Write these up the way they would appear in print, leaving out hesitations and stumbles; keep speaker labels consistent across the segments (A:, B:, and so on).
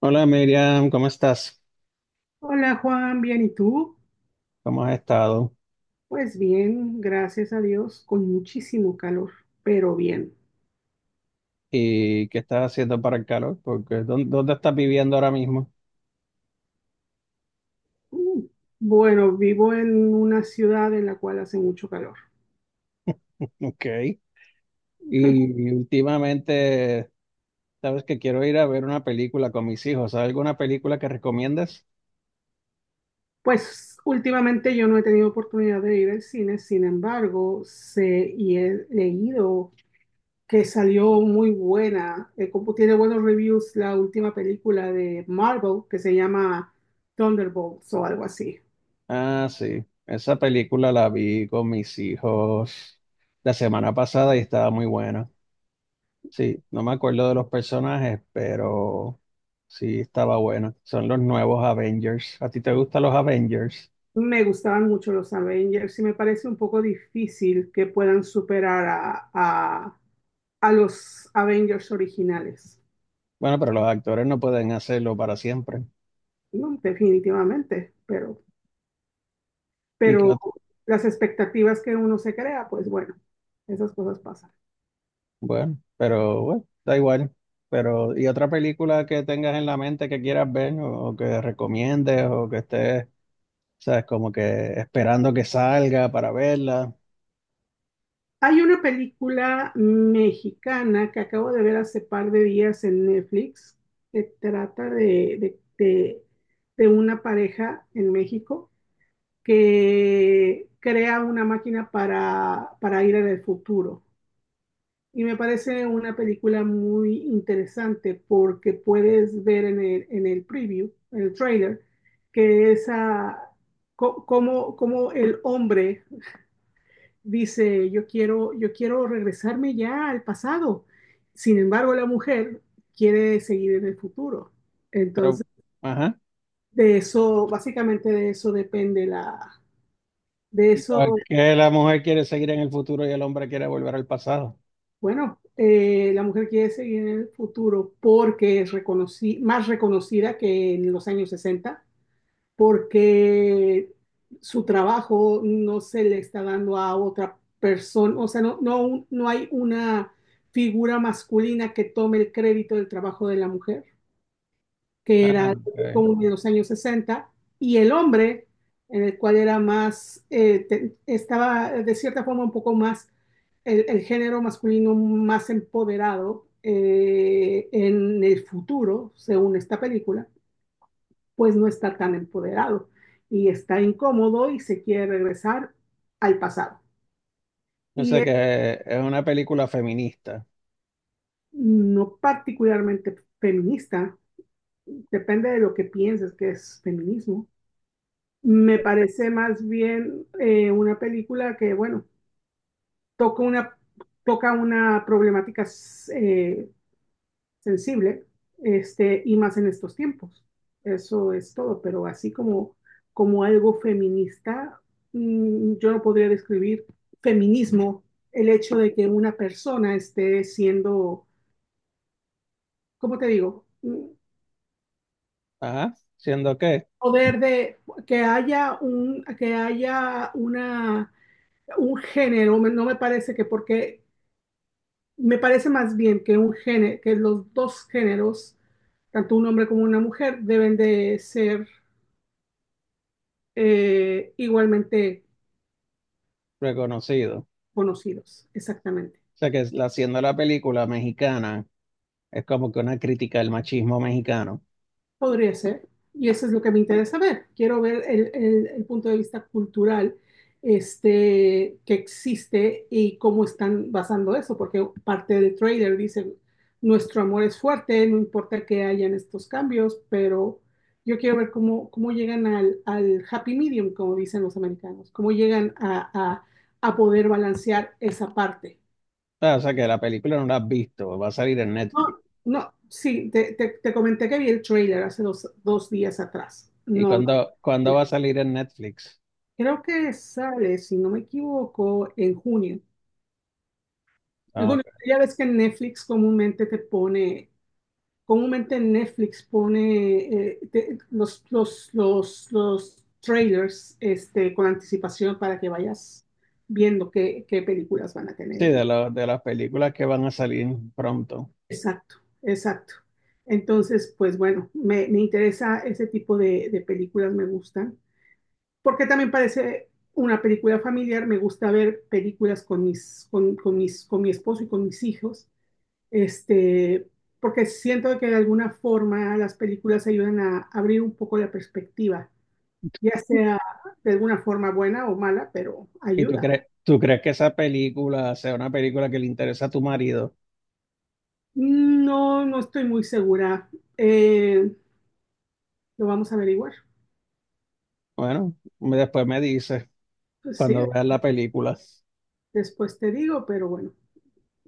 A: Hola Miriam, ¿cómo estás?
B: Hola Juan, bien, ¿y tú?
A: ¿Cómo has estado?
B: Pues bien, gracias a Dios, con muchísimo calor, pero bien.
A: ¿Y qué estás haciendo para el calor? Porque ¿dónde estás viviendo ahora mismo?
B: Mm, Bueno, vivo en una ciudad en la cual hace mucho calor.
A: Ok. Y últimamente, sabes que quiero ir a ver una película con mis hijos. ¿Hay alguna película que recomiendas?
B: Pues últimamente yo no he tenido oportunidad de ir al cine, sin embargo, sé y he leído que salió muy buena, como tiene buenos reviews la última película de Marvel que se llama Thunderbolts o algo así.
A: Ah, sí. Esa película la vi con mis hijos la semana pasada y estaba muy buena. Sí, no me acuerdo de los personajes, pero sí estaba buena. Son los nuevos Avengers. ¿A ti te gustan los Avengers?
B: Me gustaban mucho los Avengers y me parece un poco difícil que puedan superar a los Avengers originales.
A: Bueno, pero los actores no pueden hacerlo para siempre.
B: No, definitivamente, pero,
A: Y
B: pero
A: que-
B: las expectativas que uno se crea, pues bueno, esas cosas pasan.
A: bueno, pero bueno, da igual. Pero, ¿y otra película que tengas en la mente que quieras ver o que recomiendes o que estés, sabes, como que esperando que salga para verla?
B: Hay una película mexicana que acabo de ver hace par de días en Netflix que trata de una pareja en México que crea una máquina para ir al futuro. Y me parece una película muy interesante porque puedes ver en el preview, en el trailer, que esa, cómo el hombre dice, yo quiero regresarme ya al pasado. Sin embargo, la mujer quiere seguir en el futuro.
A: Pero,
B: Entonces,
A: ajá.
B: de eso, básicamente de eso depende la, de
A: ¿Y
B: eso
A: por qué la mujer quiere seguir en el futuro y el hombre quiere volver al pasado?
B: Bueno, la mujer quiere seguir en el futuro porque es más reconocida que en los años 60, porque su trabajo no se le está dando a otra persona, o sea, no hay una figura masculina que tome el crédito del trabajo de la mujer que era
A: Ah, ok.
B: como de los años sesenta, y el hombre, en el cual era más, estaba de cierta forma un poco más, el género masculino más empoderado en el futuro, según esta película, pues no está tan empoderado y está incómodo y se quiere regresar al pasado.
A: No
B: Y
A: sé
B: es
A: que es una película feminista.
B: no particularmente feminista, depende de lo que pienses que es feminismo. Me parece más bien una película que, bueno, toca una, toca una problemática eh, sensible, este, y más en estos tiempos. Eso es todo, pero así como, como algo feminista, yo no podría describir feminismo el hecho de que una persona esté siendo, ¿cómo te digo? Mm,
A: Ajá. Siendo que
B: Poder de que haya un, que haya una, un género, no me parece que porque. Me parece más bien que un género, que los dos géneros, tanto un hombre como una mujer, deben de ser igualmente
A: reconocido.
B: conocidos, exactamente.
A: O sea que siendo la película mexicana. Es como que una crítica del machismo mexicano.
B: Podría ser. Y eso es lo que me interesa ver. Quiero ver el punto de vista cultural, este, que existe y cómo están basando eso, porque parte del trailer dice, nuestro amor es fuerte, no importa que hayan estos cambios, pero yo quiero ver cómo, cómo llegan al happy medium, como dicen los americanos, cómo llegan a poder balancear esa parte.
A: Ah, o sea que la película no la has visto, va a salir en
B: No,
A: Netflix.
B: no, sí, te comenté que vi el trailer hace dos días atrás.
A: ¿Y
B: No, no.
A: cuándo va a salir en Netflix?
B: Creo que sale, si no me equivoco, en junio. En
A: Ah,
B: junio,
A: ok.
B: ya ves que Netflix comúnmente te pone, comúnmente Netflix pone los trailers, este, con anticipación para que vayas viendo qué, qué películas van a
A: Sí,
B: tener.
A: de las películas que van a salir pronto.
B: Exacto, exacto. Entonces, pues bueno, me interesa ese tipo de películas, me gustan, porque también parece una película familiar, me gusta ver películas con mi esposo y con mis hijos, este, porque siento que de alguna forma las películas ayudan a abrir un poco la perspectiva, ya sea de alguna forma buena o mala, pero
A: ¿Y
B: ayuda.
A: tú crees que esa película sea una película que le interesa a tu marido?
B: No, no estoy muy segura. Eh, lo vamos a averiguar.
A: Bueno, después me dices
B: Pues sí,
A: cuando veas la película.
B: después te digo, pero bueno.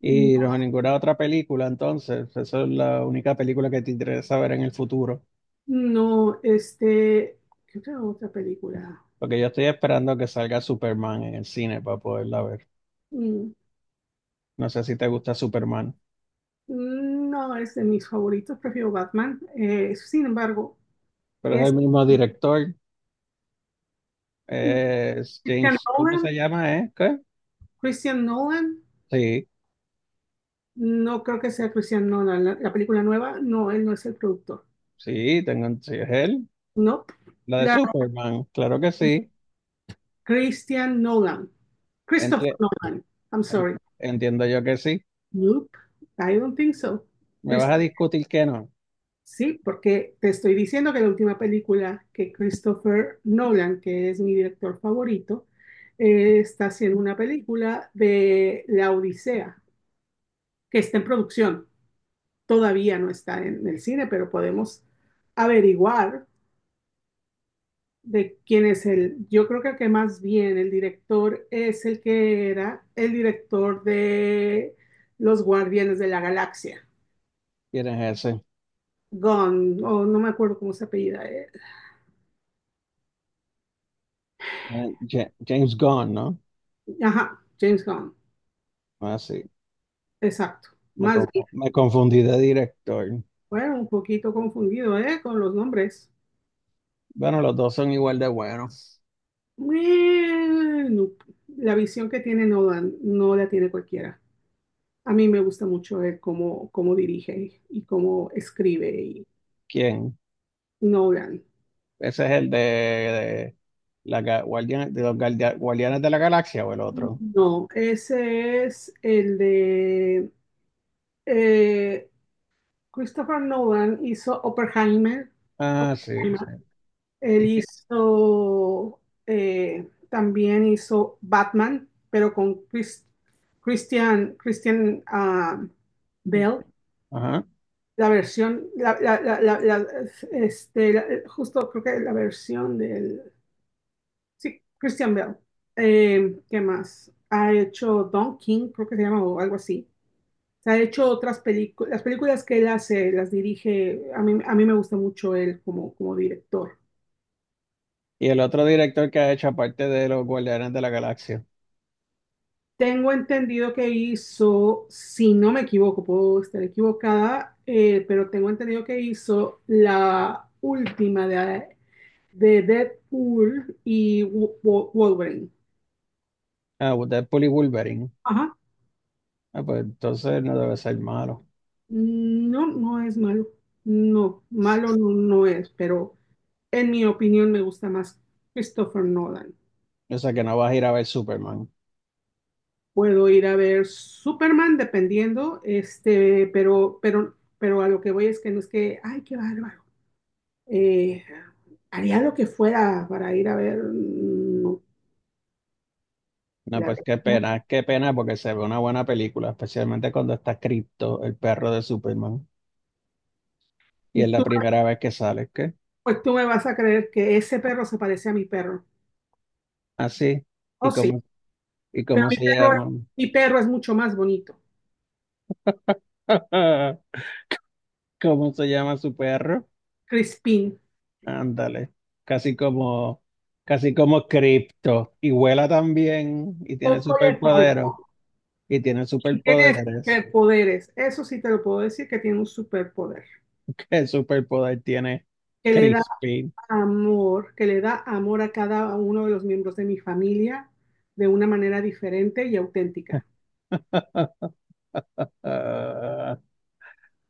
B: No,
A: Y no, ninguna otra película, entonces, esa es la única película que te interesa ver en el futuro.
B: no, este, ¿qué otra película?
A: Porque yo estoy esperando que salga Superman en el cine para poderla ver.
B: Mm,
A: No sé si te gusta Superman,
B: No es de mis favoritos, prefiero Batman. Sin embargo,
A: pero es
B: es
A: el mismo director. Es
B: Christian
A: James, ¿cómo
B: Nolan.
A: se llama, ¿Qué?
B: Christian Nolan,
A: Sí,
B: no creo que sea Christian Nolan. La película nueva, no, él no es el productor.
A: sí, sí, es él.
B: No,
A: La de
B: la
A: Superman, claro que sí.
B: Christian Nolan. Christopher
A: Enti-
B: Nolan. I'm
A: en-
B: sorry.
A: Entiendo yo que sí.
B: Nope, I don't think so.
A: ¿Me vas a
B: Christopher.
A: discutir que no?
B: Sí, porque te estoy diciendo que la última película que Christopher Nolan, que es mi director favorito, está haciendo una película de La Odisea, que está en producción. Todavía no está en el cine, pero podemos averiguar de quién es el. Yo creo que más bien el director es el que era el director de Los Guardianes de la Galaxia,
A: ¿Quién es ese?
B: Gunn, o no me acuerdo cómo se apellida.
A: James Gunn, ¿no?
B: Ajá, James Gunn.
A: Ah, sí.
B: Exacto. Más bien
A: Me confundí de director.
B: fue un poquito confundido, ¿eh? Con los nombres.
A: Bueno, los dos son igual de buenos.
B: Bueno, la visión que tiene Nolan no la tiene cualquiera. A mí me gusta mucho él cómo, cómo dirige y cómo escribe y.
A: ¿Quién?
B: Nolan.
A: Ese es el de, la, ga- Guardian- de los Guardia- Guardianes de la Galaxia o el
B: Mm.
A: otro.
B: No, ese es el de, eh, Christopher Nolan hizo Oppenheimer.
A: Ah, sí, sí.
B: Oppenheimer. Él hizo, también hizo Batman, pero con Christian, Bell.
A: Ajá.
B: La versión, la- la- la- la- la- este, la- justo creo que la versión del. Sí, Christian Bale. ¿Qué más? Ha hecho Don King, creo que se llama, o algo así. Se ha hecho otras películas, las películas que él hace, las dirige, a mí me gusta mucho él como, como director.
A: Y el otro director que ha hecho, aparte de los Guardianes de la Galaxia,
B: Tengo entendido que hizo, si no me equivoco, puedo estar equivocada, pero tengo entendido que hizo la última de Deadpool y Wolverine.
A: ah, Deadpool y Wolverine.
B: Ajá,
A: Ah, pues entonces no debe ser malo.
B: No, no es malo. No, malo no, no es, pero en mi opinión me gusta más Christopher Nolan.
A: O sea que no vas a ir a ver Superman.
B: Puedo ir a ver Superman dependiendo, este, pero a lo que voy es que no es que, ay, qué bárbaro. Eh, haría lo que fuera para ir a ver, no,
A: No,
B: la
A: pues
B: verdad.
A: qué pena, porque se ve una buena película, especialmente cuando está Crypto, el perro de Superman. Y es la
B: Tú,
A: primera vez que sale, ¿qué?
B: pues tú me vas a creer que ese perro se parece a mi perro.
A: Así. ¿Y
B: Oh, sí,
A: y
B: pero
A: cómo se llama?
B: mi perro es mucho más bonito.
A: ¿Cómo se llama su perro?
B: Crispín.
A: Ándale, casi como, casi como Crypto. Y vuela también y tiene
B: Poco le falta.
A: superpoderes. Y tiene
B: Y tiene
A: superpoderes.
B: superpoderes. Eso sí te lo puedo decir, que tiene un superpoder.
A: ¿Qué superpoder tiene
B: Que le da
A: Crispin?
B: que le da amor a cada uno de los miembros de mi familia de una manera diferente y auténtica.
A: Ah,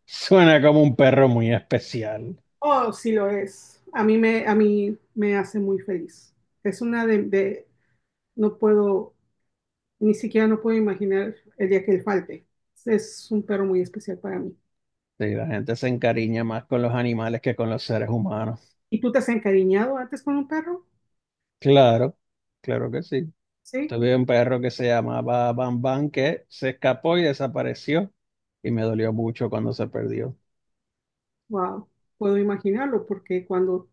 A: suena como un perro muy especial.
B: Oh, sí lo es. A mí me hace muy feliz. Es una no puedo, ni siquiera no puedo imaginar el día que él falte. Es un perro muy especial para mí.
A: Sí, la gente se encariña más con los animales que con los seres humanos.
B: ¿Y tú te has encariñado antes con un perro?
A: Claro, claro que sí.
B: Sí.
A: Tuve un perro que se llamaba Bam Bam que se escapó y desapareció. Y me dolió mucho cuando se perdió.
B: Wow. Puedo imaginarlo porque cuando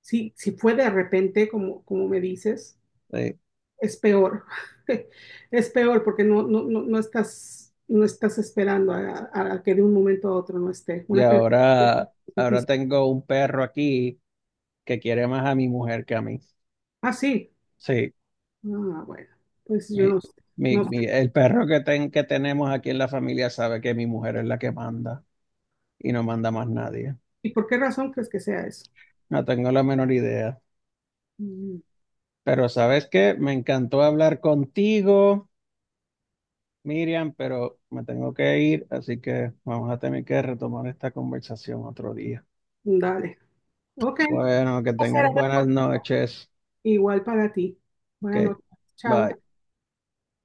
B: si fue de repente, como, como me dices,
A: Sí,
B: es peor. Es peor porque no estás, no estás esperando a que de un momento a otro no esté.
A: y
B: Una pérdida es
A: ahora, ahora
B: difícil.
A: tengo un perro aquí que quiere más a mi mujer que a mí.
B: Ah, sí.
A: Sí,
B: Ah, bueno. Pues yo
A: mi,
B: no sé. No sé.
A: el perro que, ten, que tenemos aquí en la familia sabe que mi mujer es la que manda y no manda más nadie.
B: ¿Y por qué razón crees que sea eso?
A: No tengo la menor idea.
B: Mm,
A: Pero ¿sabes qué? Me encantó hablar contigo, Miriam, pero me tengo que ir, así que vamos a tener que retomar esta conversación otro día.
B: Dale. Ok.
A: Bueno, que tengas buenas noches.
B: Igual para ti. Buenas
A: Ok,
B: noches. Chao.
A: bye.